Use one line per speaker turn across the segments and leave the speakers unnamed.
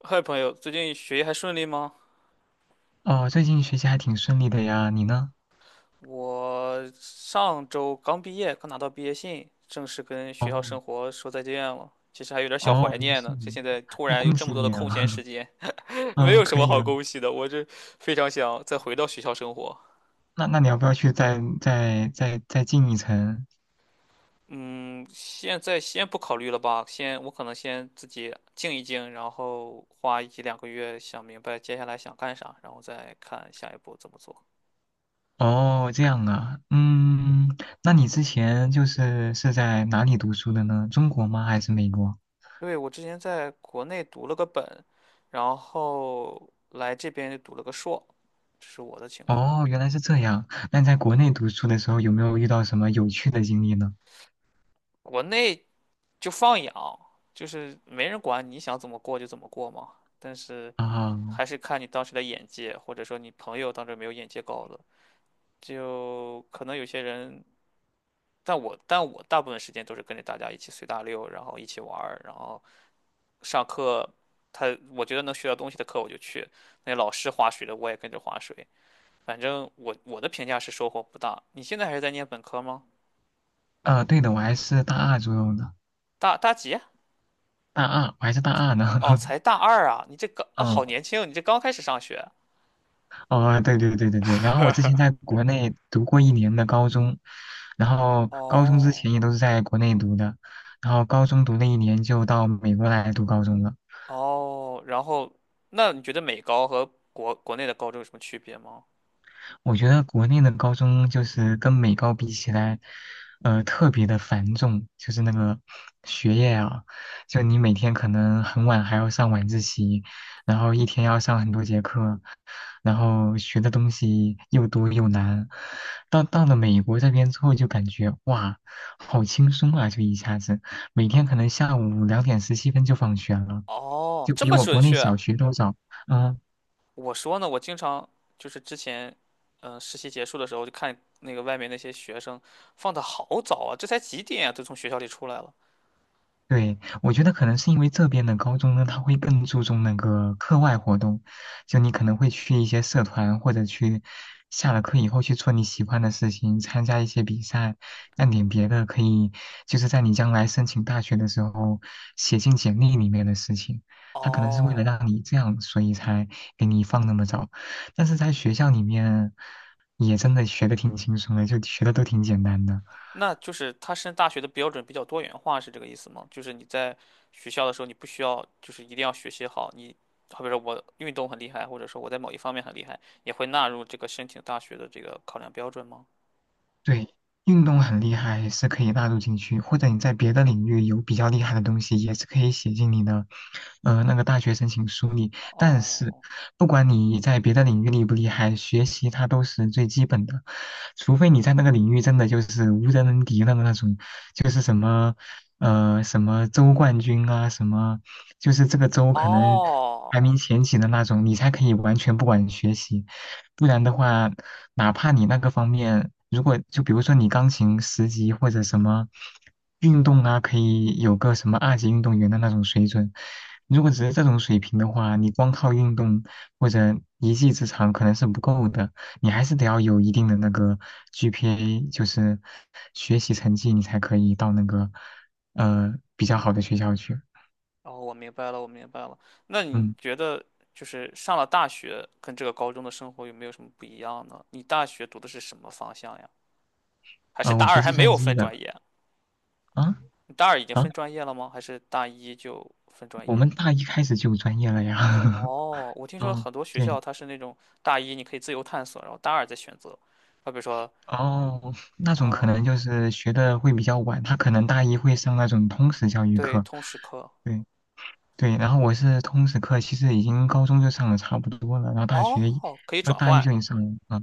嗨，朋友，最近学业还顺利吗？
哦，最近学习还挺顺利的呀，你呢？
我上周刚毕业，刚拿到毕业信，正式跟学校
哦
生活说再见了。其实还有点小怀
哦，
念
是
呢，
你，
现在突
那
然有
恭
这
喜
么多的
你啊！
空闲时 间，没
嗯，
有什
可
么
以
好
啊。
恭喜的。我这非常想再回到学校生活。
那那你要不要去再进一层？
嗯，现在先不考虑了吧，先我可能先自己静一静，然后花一两个月想明白接下来想干啥，然后再看下一步怎么做。
哦，这样啊，嗯，那你之前是在哪里读书的呢？中国吗？还是美国？
对，我之前在国内读了个本，然后来这边就读了个硕，这是我的情况。
哦，原来是这样。那你在
嗯，
国内读书的时候有没有遇到什么有趣的经历呢？
国内就放养，就是没人管你想怎么过就怎么过嘛。但是
啊，
还是看你当时的眼界，或者说你朋友当时有没有眼界高的，就可能有些人。但我大部分时间都是跟着大家一起随大溜，然后一起玩儿，然后上课，他我觉得能学到东西的课我就去，那老师划水的我也跟着划水。反正我的评价是收获不大。你现在还是在念本科吗？
对的，我还是大二左右的，
大几啊？
大二，我还是大二呢。
哦，才 大二啊！你这刚啊，
嗯
好年轻，你这刚开始上学。
哦，对对对对对。然后我之前在国内读过一年的高中，然后高中之
哦
前也都是在国内读的，然后高中读了一年就到美国来读高中了。
哦，然后那你觉得美高和国内的高中有什么区别吗？
我觉得国内的高中就是跟美高比起来，特别的繁重，就是那个学业啊，就你每天可能很晚还要上晚自习，然后一天要上很多节课，然后学的东西又多又难。到了美国这边之后，就感觉哇，好轻松啊，就一下子每天可能下午两点十七分就放学了，
哦，
就
这
比
么
我
准
国内
确？
小学都早。嗯、
我说呢，我经常就是之前，实习结束的时候就看那个外面那些学生放的好早啊，这才几点啊，都从学校里出来了。
对，我觉得可能是因为这边的高中呢，他会更注重那个课外活动，就你可能会去一些社团，或者去下了课以后去做你喜欢的事情，参加一些比赛，干点别的，可以就是在你将来申请大学的时候写进简历里面的事情。他可能是为了
哦，
让你这样，所以才给你放那么早。但是在学校里面，也真的学的挺轻松的，就学的都挺简单的。
那就是他升大学的标准比较多元化，是这个意思吗？就是你在学校的时候，你不需要就是一定要学习好，你好比说我运动很厉害，或者说我在某一方面很厉害，也会纳入这个申请大学的这个考量标准吗？
对，运动很厉害是可以纳入进去，或者你在别的领域有比较厉害的东西，也是可以写进你的，那个大学申请书里。但是，
哦
不管你在别的领域厉不厉害，学习它都是最基本的，除非你在那个领域真的就是无人能敌的那种，就是什么，什么州冠军啊，什么，就是这个州可能
哦
排名前几的那种，你才可以完全不管学习。不然的话，哪怕你那个方面，如果就比如说你钢琴十级或者什么运动啊，可以有个什么二级运动员的那种水准，如果只是这种水平的话，你光靠运动或者一技之长可能是不够的，你还是得要有一定的那个 GPA，就是学习成绩，你才可以到那个比较好的学校去。
哦，我明白了，我明白了。那你
嗯，
觉得就是上了大学跟这个高中的生活有没有什么不一样呢？你大学读的是什么方向呀？还是
啊、
大
我
二
学
还
计
没
算
有
机
分专
的
业？
啊
你大二已经
啊，
分专业了吗？还是大一就分专
我
业？
们大一开始就有专业了呀。
哦，我听说
嗯，
很多学
对，
校它是那种大一你可以自由探索，然后大二再选择。啊，比如说，
哦，那种可
嗯，
能就是学的会比较晚，他可能大一会上那种通识教育
对，
课，
通识课，
对对，然后我是通识课，其实已经高中就上的差不多了，然后大学一
哦，可以转
大一
换，
就已经上了啊。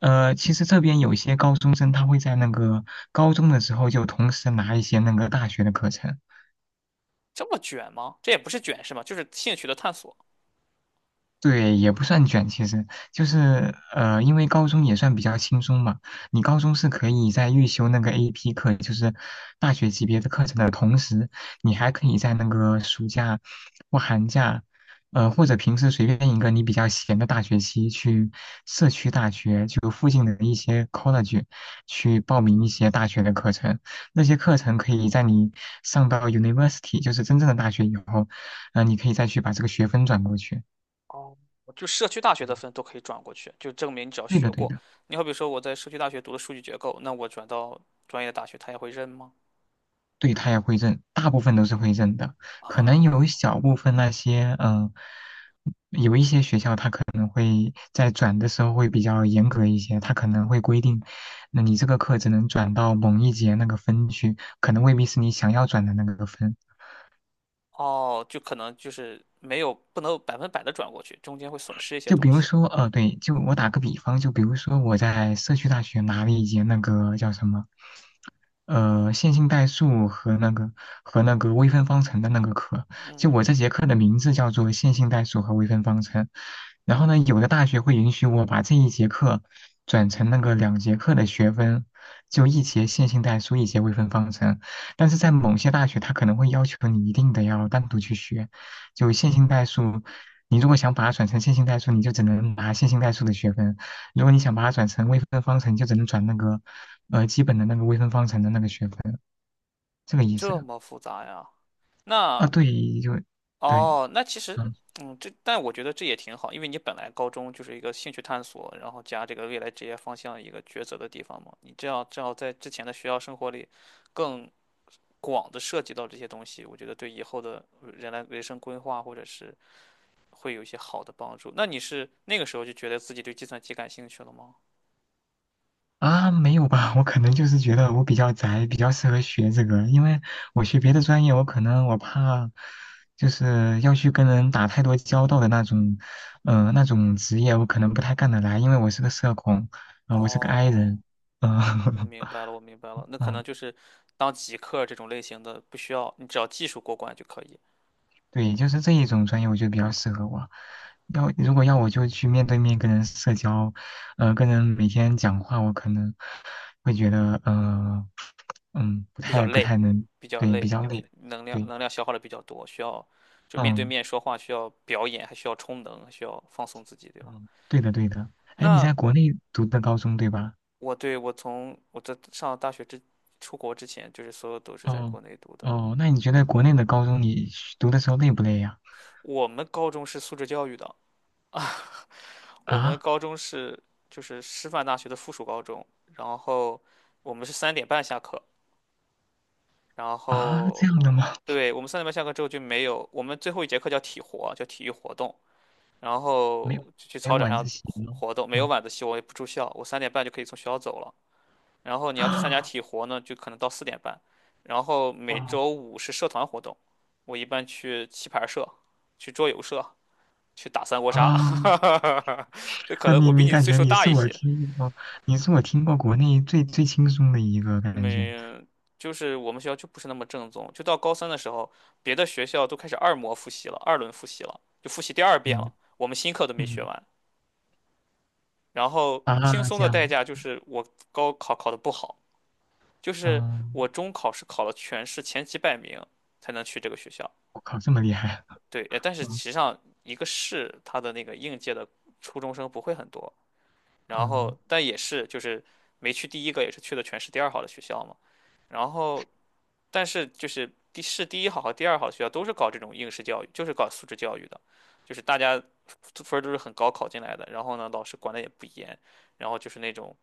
其实这边有些高中生他会在那个高中的时候就同时拿一些那个大学的课程，
这么卷吗？这也不是卷是吗？就是兴趣的探索。
对，也不算卷，其实就是因为高中也算比较轻松嘛。你高中是可以在预修那个 AP 课，就是大学级别的课程的同时，你还可以在那个暑假或寒假，或者平时随便一个你比较闲的大学期，去社区大学就附近的一些 college 去报名一些大学的课程。那些课程可以在你上到 university，就是真正的大学以后，你可以再去把这个学分转过去。
哦，就社区大学的分都可以转过去，就证明你只要
对
学
的，对
过。
的，
你好比说我在社区大学读的数据结构，那我转到专业的大学，他也会认吗？
对，他也会认，大部分都是会认的，可能有一
啊，
小部分那些，嗯、有一些学校他可能会在转的时候会比较严格一些，他可能会规定，那你这个课只能转到某一节那个分区，可能未必是你想要转的那个分。
哦，就可能就是没有不能百分百的转过去，中间会损失一些
就比
东
如
西。
说，对，就我打个比方，就比如说我在社区大学拿了一节那个叫什么线性代数和那个微分方程的那个课，就
嗯，
我这节课的名字叫做线性代数和微分方程。然后呢，有的大学会允许我把这一节课转成那个两节课的学分，就一节线性代数，一节微分方程。但是在某些大学，它可能会要求你一定得要单独去学，就线性代数。你如果想把它转成线性代数，你就只能拿线性代数的学分；如果你想把它转成微分方程，你就只能转那个基本的那个微分方程的那个学分，这个意思
这么复杂呀？
啊？
那
对，就对，
哦，那其实，
嗯
这但我觉得这也挺好，因为你本来高中就是一个兴趣探索，然后加这个未来职业方向一个抉择的地方嘛。你这样正好在之前的学校生活里，更广的涉及到这些东西，我觉得对以后的人生规划或者是会有一些好的帮助。那你是那个时候就觉得自己对计算机感兴趣了吗？
啊，没有吧？我可能就是觉得我比较宅，比较适合学这个，因为我学别的专业，我可能我怕就是要去跟人打太多交道的那种，那种职业我可能不太干得来，因为我是个社恐，我是个 i
哦，
人，嗯、
我 明白了，我明白了，那可能
嗯。
就是当极客这种类型的，不需要你只要技术过关就可以。
对，就是这一种专业，我觉得比较适合我。要如果要我就去面对面跟人社交，跟人每天讲话，我可能会觉得，嗯，不
比较
太不
累，
太能，
比较
对，比
累，
较
就
累。
能量
对，
能量消耗的比较多，需要就面对
嗯
面说话，需要表演，还需要充能，还需要放松自己，对吗？
嗯，对的对的。哎，你
那
在国内读的高中对吧？
对，我在上大学之出国之前，就是所有都是在
哦
国内读的。
哦，那你觉得国内的高中你学读的时候累不累呀？
我们高中是素质教育的，我们
啊
高中是就是师范大学的附属高中，然后我们是三点半下课，然
啊，这
后
样的吗？
对我们三点半下课之后就没有，我们最后一节课叫体活，叫体育活动，然后
没有
就去
没有
操场
晚
上
自习
活
吗？
活动，没有
嗯
晚自习，我也不住校，我三点半就可以从学校走了。然后你要去参加
啊
体活呢，就可能到4点半。然后 每
哦
周五是社团活动，我一般去棋牌社、去桌游社、去打三国杀。
啊
那可
那
能
你
我比
你
你
感
岁
觉
数
你
大
是
一
我
些，
听过，你是我听过国内最轻松的一个感觉，
没，就是我们学校就不是那么正宗。就到高三的时候，别的学校都开始二模复习了，二轮复习了，就复习第二遍了，
嗯
我们新课都没学
嗯
完。然后轻
啊
松
这
的代
样，
价就是我高考考得不好，就是
嗯，
我中考是考了全市前几百名才能去这个学校。
我靠这么厉害，
对，但是实
嗯
际上一个市它的那个应届的初中生不会很多，然
嗯
后但也是就是没去第一个，也是去的全市第二好的学校嘛。然后但是就是市第一好和第二好的学校都是搞这种应试教育，就是搞素质教育的，就是大家分儿都是很高考进来的，然后呢老师管的也不严，然后就是那种。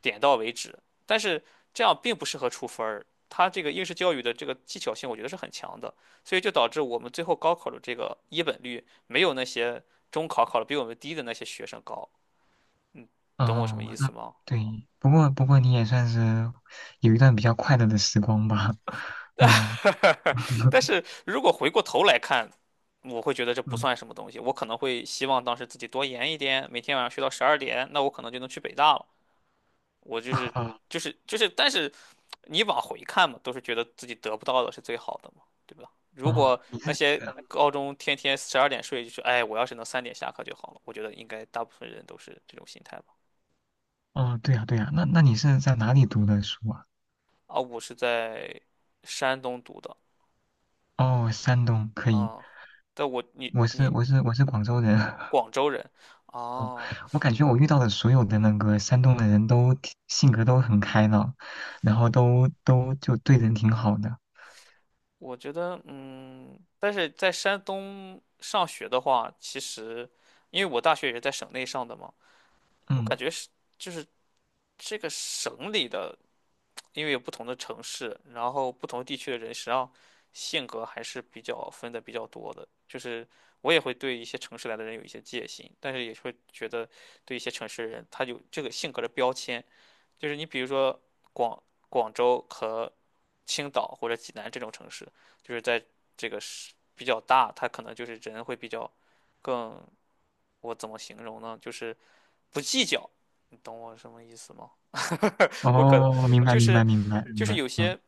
点到为止。但是这样并不适合出分儿，它这个应试教育的这个技巧性，我觉得是很强的，所以就导致我们最后高考的这个一本率没有那些中考考的比我们低的那些学生高。嗯，懂我什么意
哦那
思吗？
对，不过你也算是有一段比较快乐的时光吧，嗯
但是如果回过头来看，我会觉得这不
嗯
算什么东西，我可能会希望当时自己多研一点，每天晚上学到十二点，那我可能就能去北大了。我就是
啊
就是就是但是你往回看嘛，都是觉得自己得不到的是最好的嘛，对吧？如
哦
果
你
那
是
些高中天天十二点睡，就是哎，我要是能三点下课就好了，我觉得应该大部分人都是这种心态吧。
哦对呀对呀，那那你是在哪里读的书啊？
啊，我是在山东读的
哦山东可以，
啊，但我你
我是
你
我是我是广州人，
广州人
嗯，
啊，
我感觉我遇到的所有的那个山东的人都挺性格都很开朗，然后都就对人挺好的。
我觉得但是在山东上学的话，其实因为我大学也是在省内上的嘛，我
嗯，
感觉是就是这个省里的，因为有不同的城市，然后不同地区的人，实际上性格还是比较分的比较多的。就是我也会对一些城市来的人有一些戒心，但是也会觉得对一些城市的人，他有这个性格的标签。就是你比如说广广州和青岛或者济南这种城市，就是在这个是比较大，他可能就是人会比较更，我怎么形容呢？就是不计较，你懂我什么意思吗？我可能
哦，明白
就
明
是
白明白
就
明
是
白，
有
嗯，
些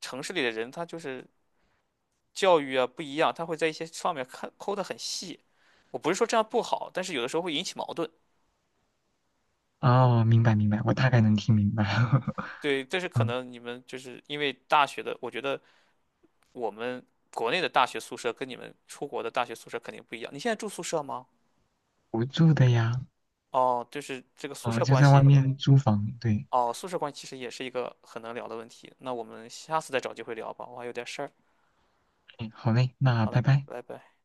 城市里的人，他就是教育啊不一样，他会在一些方面看抠得很细。我不是说这样不好，但是有的时候会引起矛盾。
哦，明白明白，我大概能听明白。
对，但是可
嗯，
能你们就是因为大学的，我觉得我们国内的大学宿舍跟你们出国的大学宿舍肯定不一样。你现在住宿舍吗？
我住的呀，
哦，就是这个宿
哦，
舍
就
关
在外
系。
面租房。对，
哦，宿舍关系其实也是一个很能聊的问题。那我们下次再找机会聊吧，我还有点事儿。
嗯，好嘞，那
好
拜
了，
拜。
拜拜。